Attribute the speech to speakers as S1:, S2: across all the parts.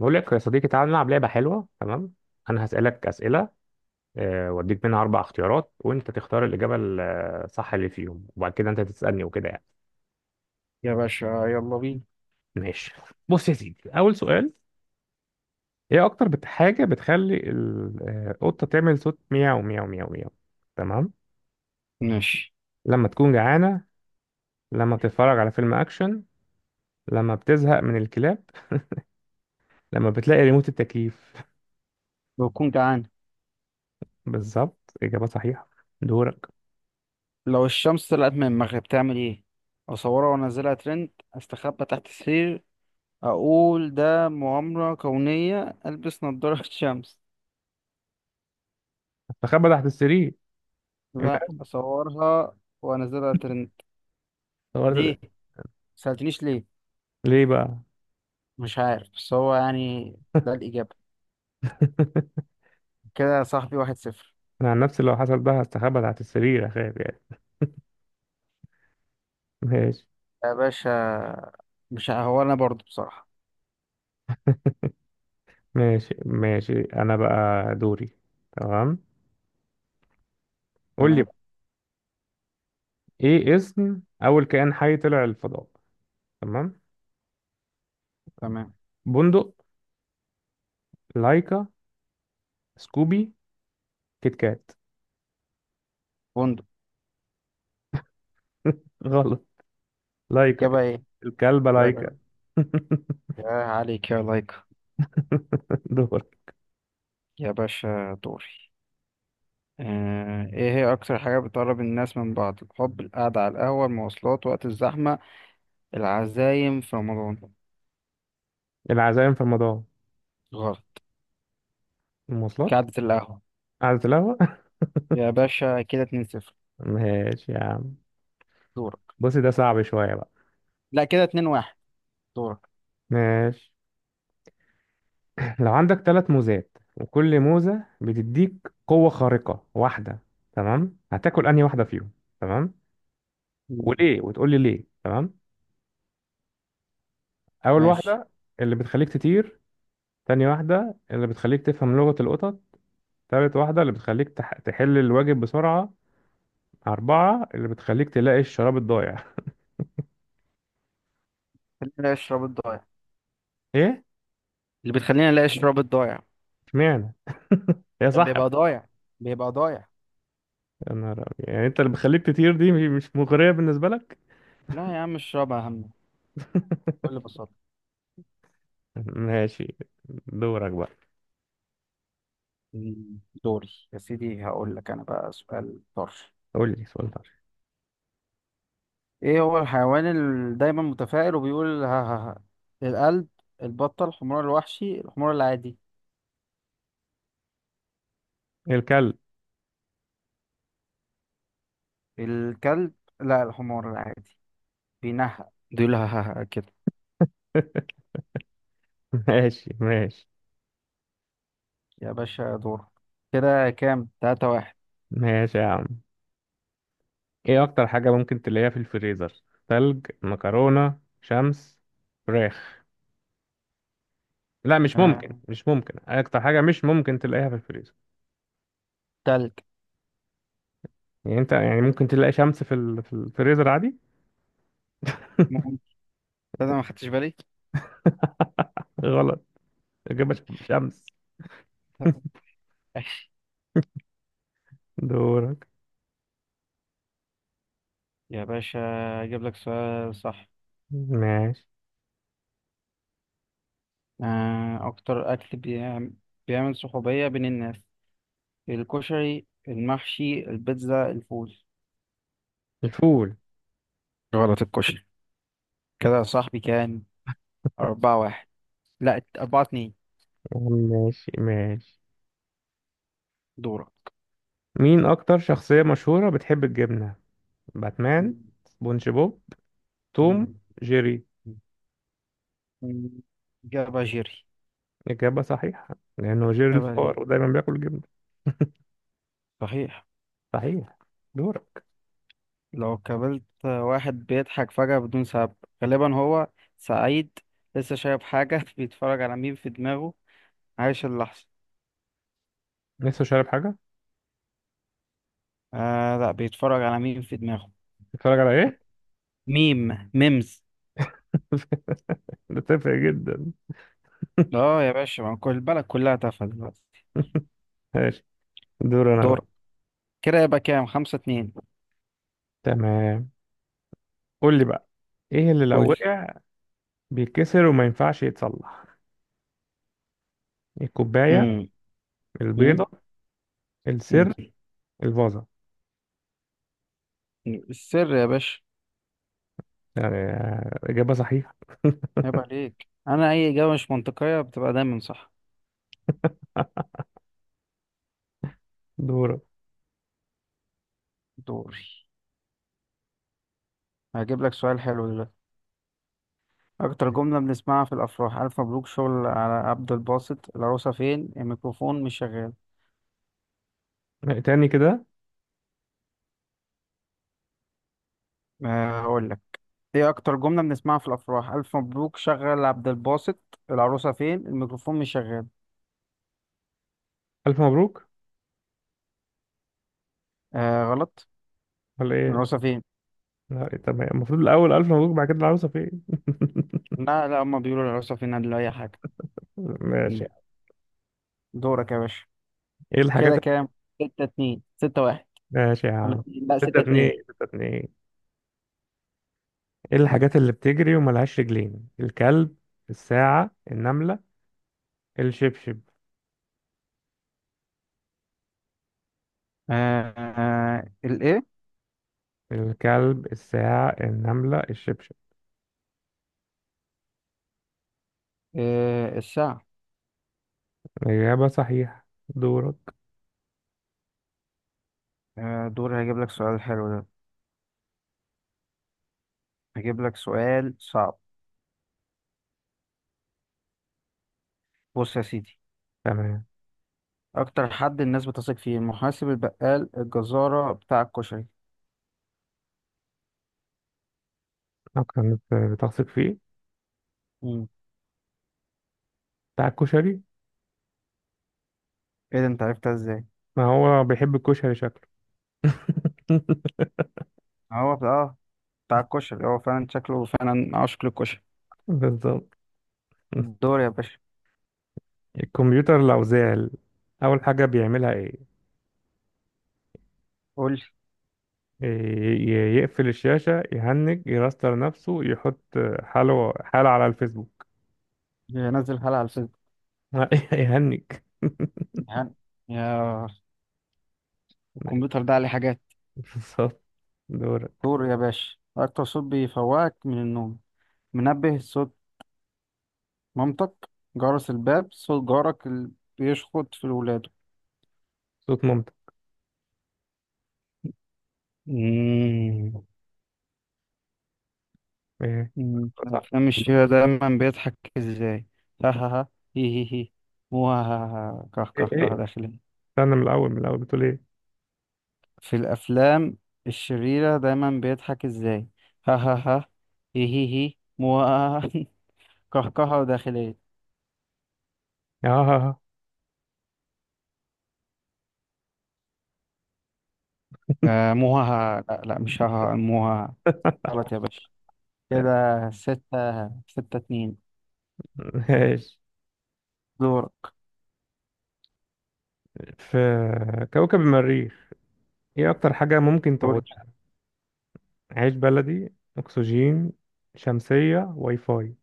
S1: بقول لك يا صديقي، تعال نلعب لعبة حلوة. تمام، أنا هسألك أسئلة، وأديك منها أربع اختيارات وأنت تختار الإجابة الصح اللي فيهم، وبعد كده أنت تسألني وكده يعني.
S2: يا باشا، يلا بينا.
S1: ماشي، بص يا سيدي، أول سؤال: إيه أكتر حاجة بتخلي القطة تعمل صوت مياو مياو مياو مياو؟ تمام.
S2: ماشي.
S1: لما تكون جعانة، لما بتتفرج على فيلم أكشن، لما بتزهق من الكلاب، لما بتلاقي ريموت التكييف.
S2: بكون جعان.
S1: بالظبط، إجابة صحيحة. دورك.
S2: لو الشمس طلعت من المغرب تعمل ايه؟ اصورها وانزلها ترند، استخبى تحت السرير، اقول ده مؤامرة كونية، البس نظارة شمس.
S1: تخبى تحت السرير. إيه بقى؟
S2: لا، اصورها وانزلها ترند. ليه؟
S1: صورت-
S2: سألتنيش ليه.
S1: ليه بقى؟
S2: مش عارف، بس هو يعني ده الإجابة. كده يا صاحبي 1-0.
S1: انا عن نفسي لو حصل ده هستخبى تحت السرير، اخاف يعني. ماشي
S2: يا باشا، مش ه- هو انا برضو بصراحة.
S1: ماشي ماشي، انا بقى دوري. تمام، قول لي
S2: تمام.
S1: بقى: ايه اسم اول كائن حي طلع الفضاء؟ تمام.
S2: تمام.
S1: بندق، لايكا، سكوبي، كيت كات.
S2: فندق.
S1: غلط، لايكا.
S2: الإجابة ايه؟
S1: الكلبة
S2: لايك.
S1: لايكا.
S2: يا عليك يا لايك.
S1: دور.
S2: يا باشا دوري. ايه هي اكتر حاجة بتقرب الناس من بعض؟ الحب، القعدة على القهوة، المواصلات وقت الزحمة، العزايم في رمضان.
S1: العزائم في المدار.
S2: غلط.
S1: المواصلات.
S2: قعدة القهوة.
S1: قعدة القهوة.
S2: يا باشا كده 2-0.
S1: ماشي يا عم.
S2: دورك.
S1: بصي، ده صعب شوية بقى.
S2: لا، كده 2-1. دورك.
S1: ماشي. لو عندك ثلاث موزات، وكل موزة بتديك قوة خارقة واحدة، تمام، هتاكل أنهي واحدة فيهم؟ تمام.
S2: مم.
S1: وليه؟ وتقول لي ليه. تمام. أول
S2: ماشي،
S1: واحدة اللي بتخليك تطير، تاني واحدة اللي بتخليك تفهم لغة القطط، تالت واحدة اللي بتخليك تحل الواجب بسرعة، أربعة اللي بتخليك تلاقي الشراب الضايع.
S2: خلينا نلاقي الشراب الضايع.
S1: إيه؟
S2: اللي بتخلينا نلاقي الشراب الضايع.
S1: اشمعنى؟ هي
S2: كان
S1: صح
S2: بيبقى
S1: بقى.
S2: ضايع، بيبقى ضايع.
S1: يا نهار أبيض. يعني أنت اللي بتخليك تطير دي مش مغرية بالنسبة لك؟
S2: لا يا عم، الشراب اهم، بكل بساطة.
S1: ماشي. دورك بقى.
S2: مم. دوري يا سيدي، هقول لك انا بقى سؤال طرش.
S1: قول لي سؤال طيب.
S2: ايه هو الحيوان اللي دايما متفائل وبيقول ها ها ها؟ القلب، البطة، الحمار الوحشي، الحمار العادي.
S1: الكلب.
S2: الكلب؟ لا، الحمار العادي، بينهق بيقول ها ها ها كده.
S1: ماشي ماشي.
S2: يا باشا دور. كده كام؟ 3-1.
S1: ماشي يا عم. ايه اكتر حاجة ممكن تلاقيها في الفريزر؟ تلج، مكرونة، شمس، فراخ. لا، مش
S2: آه.
S1: ممكن، مش ممكن اكتر حاجة مش ممكن تلاقيها في الفريزر.
S2: تلج.
S1: يعني انت يعني ممكن تلاقي شمس في الفريزر عادي.
S2: مم. ده أنا ما خدتش بالي.
S1: غلط. اجابة ش- شمس.
S2: ماشي.
S1: دورك.
S2: يا باشا اجيب لك سؤال صح.
S1: ماشي.
S2: اكتر اكل بيعمل، بيعمل صحوبية بين الناس؟ الكشري، المحشي، البيتزا، الفول.
S1: الفول.
S2: غلط، الكشري. كده يا صاحبي كام؟ 4-1. لا، 4-2.
S1: ماشي ماشي.
S2: دورة.
S1: مين اكتر شخصية مشهورة بتحب الجبنة؟ باتمان،
S2: مم.
S1: سبونج بوب، توم،
S2: مم.
S1: جيري.
S2: مم. إجابة جيري.
S1: إجابة صحيحة، لأنه جيري
S2: إجابة جيري.
S1: الفار ودايما بياكل جبنة.
S2: صحيح.
S1: صحيح. دورك.
S2: لو قابلت واحد بيضحك فجأة بدون سبب، غالبا هو سعيد، لسه شايف حاجة بيتفرج على ميم في دماغه، عايش اللحظة.
S1: لسه شارب حاجة؟
S2: آه لا، بيتفرج على ميم في دماغه.
S1: بتتفرج على ايه؟
S2: ميم، ميمز.
S1: بتفرق جدا.
S2: اه يا باشا، ما كل البلد كلها تافهة دلوقتي.
S1: ماشي. دور انا بقى.
S2: دور. كده يبقى كام؟ 5-2.
S1: تمام، قول لي بقى: ايه اللي لو
S2: قول.
S1: وقع بيتكسر وما ينفعش يتصلح؟ الكوباية،
S2: مم. مم.
S1: البيضة،
S2: مم.
S1: السر، الفازة.
S2: السر يا باشا.
S1: يعني إجابة صحيحة.
S2: عيب عليك، انا اي اجابه مش منطقيه بتبقى دايما صح.
S1: دورك.
S2: دوري، هجيب لك سؤال حلو دلوقتي. اكتر جمله بنسمعها في الافراح؟ الف مبروك، شغل على عبد الباسط، العروسه فين، الميكروفون مش شغال.
S1: تاني كده.
S2: أه هقول لك، ايه اكتر جمله بنسمعها في الافراح؟ الف مبروك، شغل عبد الباسط، العروسه فين، الميكروفون مش شغال.
S1: ألف مبروك.
S2: أه غلط.
S1: ولا ايه؟
S2: العروسه فين.
S1: لا، تمام، المفروض الأول ألف مبروك، بعد كده العروسة فين؟
S2: لا لا، هما بيقولوا العروسه فين قبل اي حاجه.
S1: ماشي.
S2: مم. دورك يا باشا.
S1: ايه الحاجات
S2: كده
S1: اللي-.
S2: كام؟ 6-2، 6-1
S1: ماشي يا
S2: ولا
S1: عم.
S2: لا
S1: ستة
S2: ستة
S1: اتنين،
S2: اتنين
S1: ستة اتنين. ايه الحاجات اللي بتجري وملهاش رجلين؟ الكلب، الساعة، النملة، الشبشب.
S2: آه، آه، الايه.
S1: الكلب، الساعة، النملة، الشبشب.
S2: إيه الساعة.
S1: الإجابة صحيحة. دورك.
S2: دوري، هجيب لك سؤال حلو ده، هجيب لك سؤال صعب. بص يا سيدي،
S1: تمام.
S2: أكتر حد الناس بتثق فيه؟ المحاسب، البقال، الجزارة، بتاع الكشري.
S1: أكتر ناس بتثق فيه؟
S2: مم.
S1: بتاع الكشري.
S2: إيه ده، أنت عرفتها إزاي؟
S1: ما هو بيحب الكشري شكله.
S2: هو آه، بتاع الكشري هو فعلا شكله فعلا عاشق للكشري.
S1: بالظبط.
S2: دوري يا باشا.
S1: الكمبيوتر لو زعل، أول حاجة بيعملها إيه؟
S2: قول لي.
S1: ي- يقفل الشاشة، يهنج، يراستر نفسه، يحط حاله على الفيسبوك.
S2: يا نزل حلقة على الفيسبوك،
S1: يهنج.
S2: يعني، يا، الكمبيوتر ده عليه حاجات.
S1: بالظبط. دورك.
S2: دوري يا باشا. أكتر صوت بيفوقك من النوم؟ منبه، صوت مامتك، جرس الباب، صوت جارك اللي بيشخط في الولاد.
S1: صوت مامتك.
S2: مم.
S1: ايه؟
S2: مم.
S1: صح.
S2: أفلام الشيخ دايما بيضحك إزاي؟ ها ها ها، هي هي هي، مو ها ها ها، كه
S1: ايه
S2: كه
S1: ايه،
S2: كه داخل.
S1: استنى، من الاول بتقول ايه؟
S2: في الأفلام الشريرة دايما بيضحك إزاي؟ ها ها ها، هي هي هي، مو ها ها ها. كهكهة وداخلية.
S1: اه، ها ها.
S2: آه مو ها، ها، لا لا، مش ها ها، مو ها ها. غلط يا باشا. كده ستة، ستة اتنين.
S1: ماشي.
S2: دورك.
S1: في كوكب المريخ، ايه اكتر حاجة ممكن
S2: قول.
S1: تعودها؟ عيش بلدي، اكسجين، شمسية، واي فاي.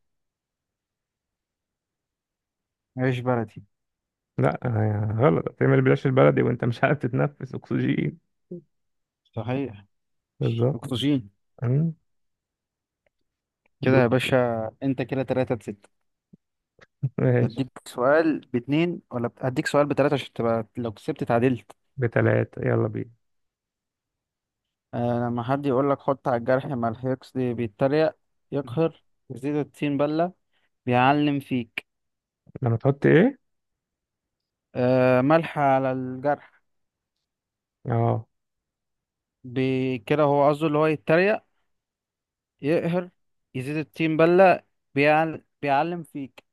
S2: عيش بلدي.
S1: لا، غلط، هتعمل بلاش البلدي وانت مش عارف تتنفس اكسجين.
S2: صحيح.
S1: بالظبط.
S2: أكتوشين.
S1: أمم، دو.
S2: كده يا باشا، أنت كده 3-6.
S1: ماشي.
S2: اديك سؤال باتنين ولا اديك سؤال بتلاتة عشان تبقى لو كسبت اتعادلت.
S1: بتلاتة، يلا بينا.
S2: آه، لما حد يقول لك حط على الجرح ملح، يقصد بيتريق، يقهر، يزيد الطين بلة، بيعلم فيك.
S1: لما تحط ايه؟
S2: آه، ملح على الجرح.
S1: اه.
S2: كده هو قصده اللي هو يتريق، يقهر، يزيد الطين بلة، بيعلم فيك.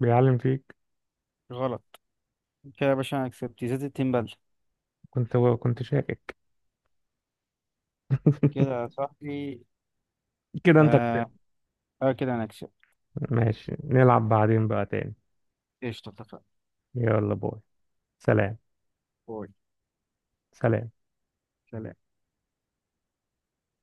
S1: بيعلم فيك.
S2: غلط. كده يا باشا انا كسبت. يزيد الطين بلة.
S1: كنت شاكك.
S2: كده يا صاحبي.
S1: كده انت
S2: آه.
S1: كسبت.
S2: آه كده انا كسبت.
S1: ماشي، نلعب بعدين بقى تاني.
S2: قشطة، اتفقنا.
S1: يلا، باي. سلام.
S2: باي.
S1: سلام.
S2: سلام.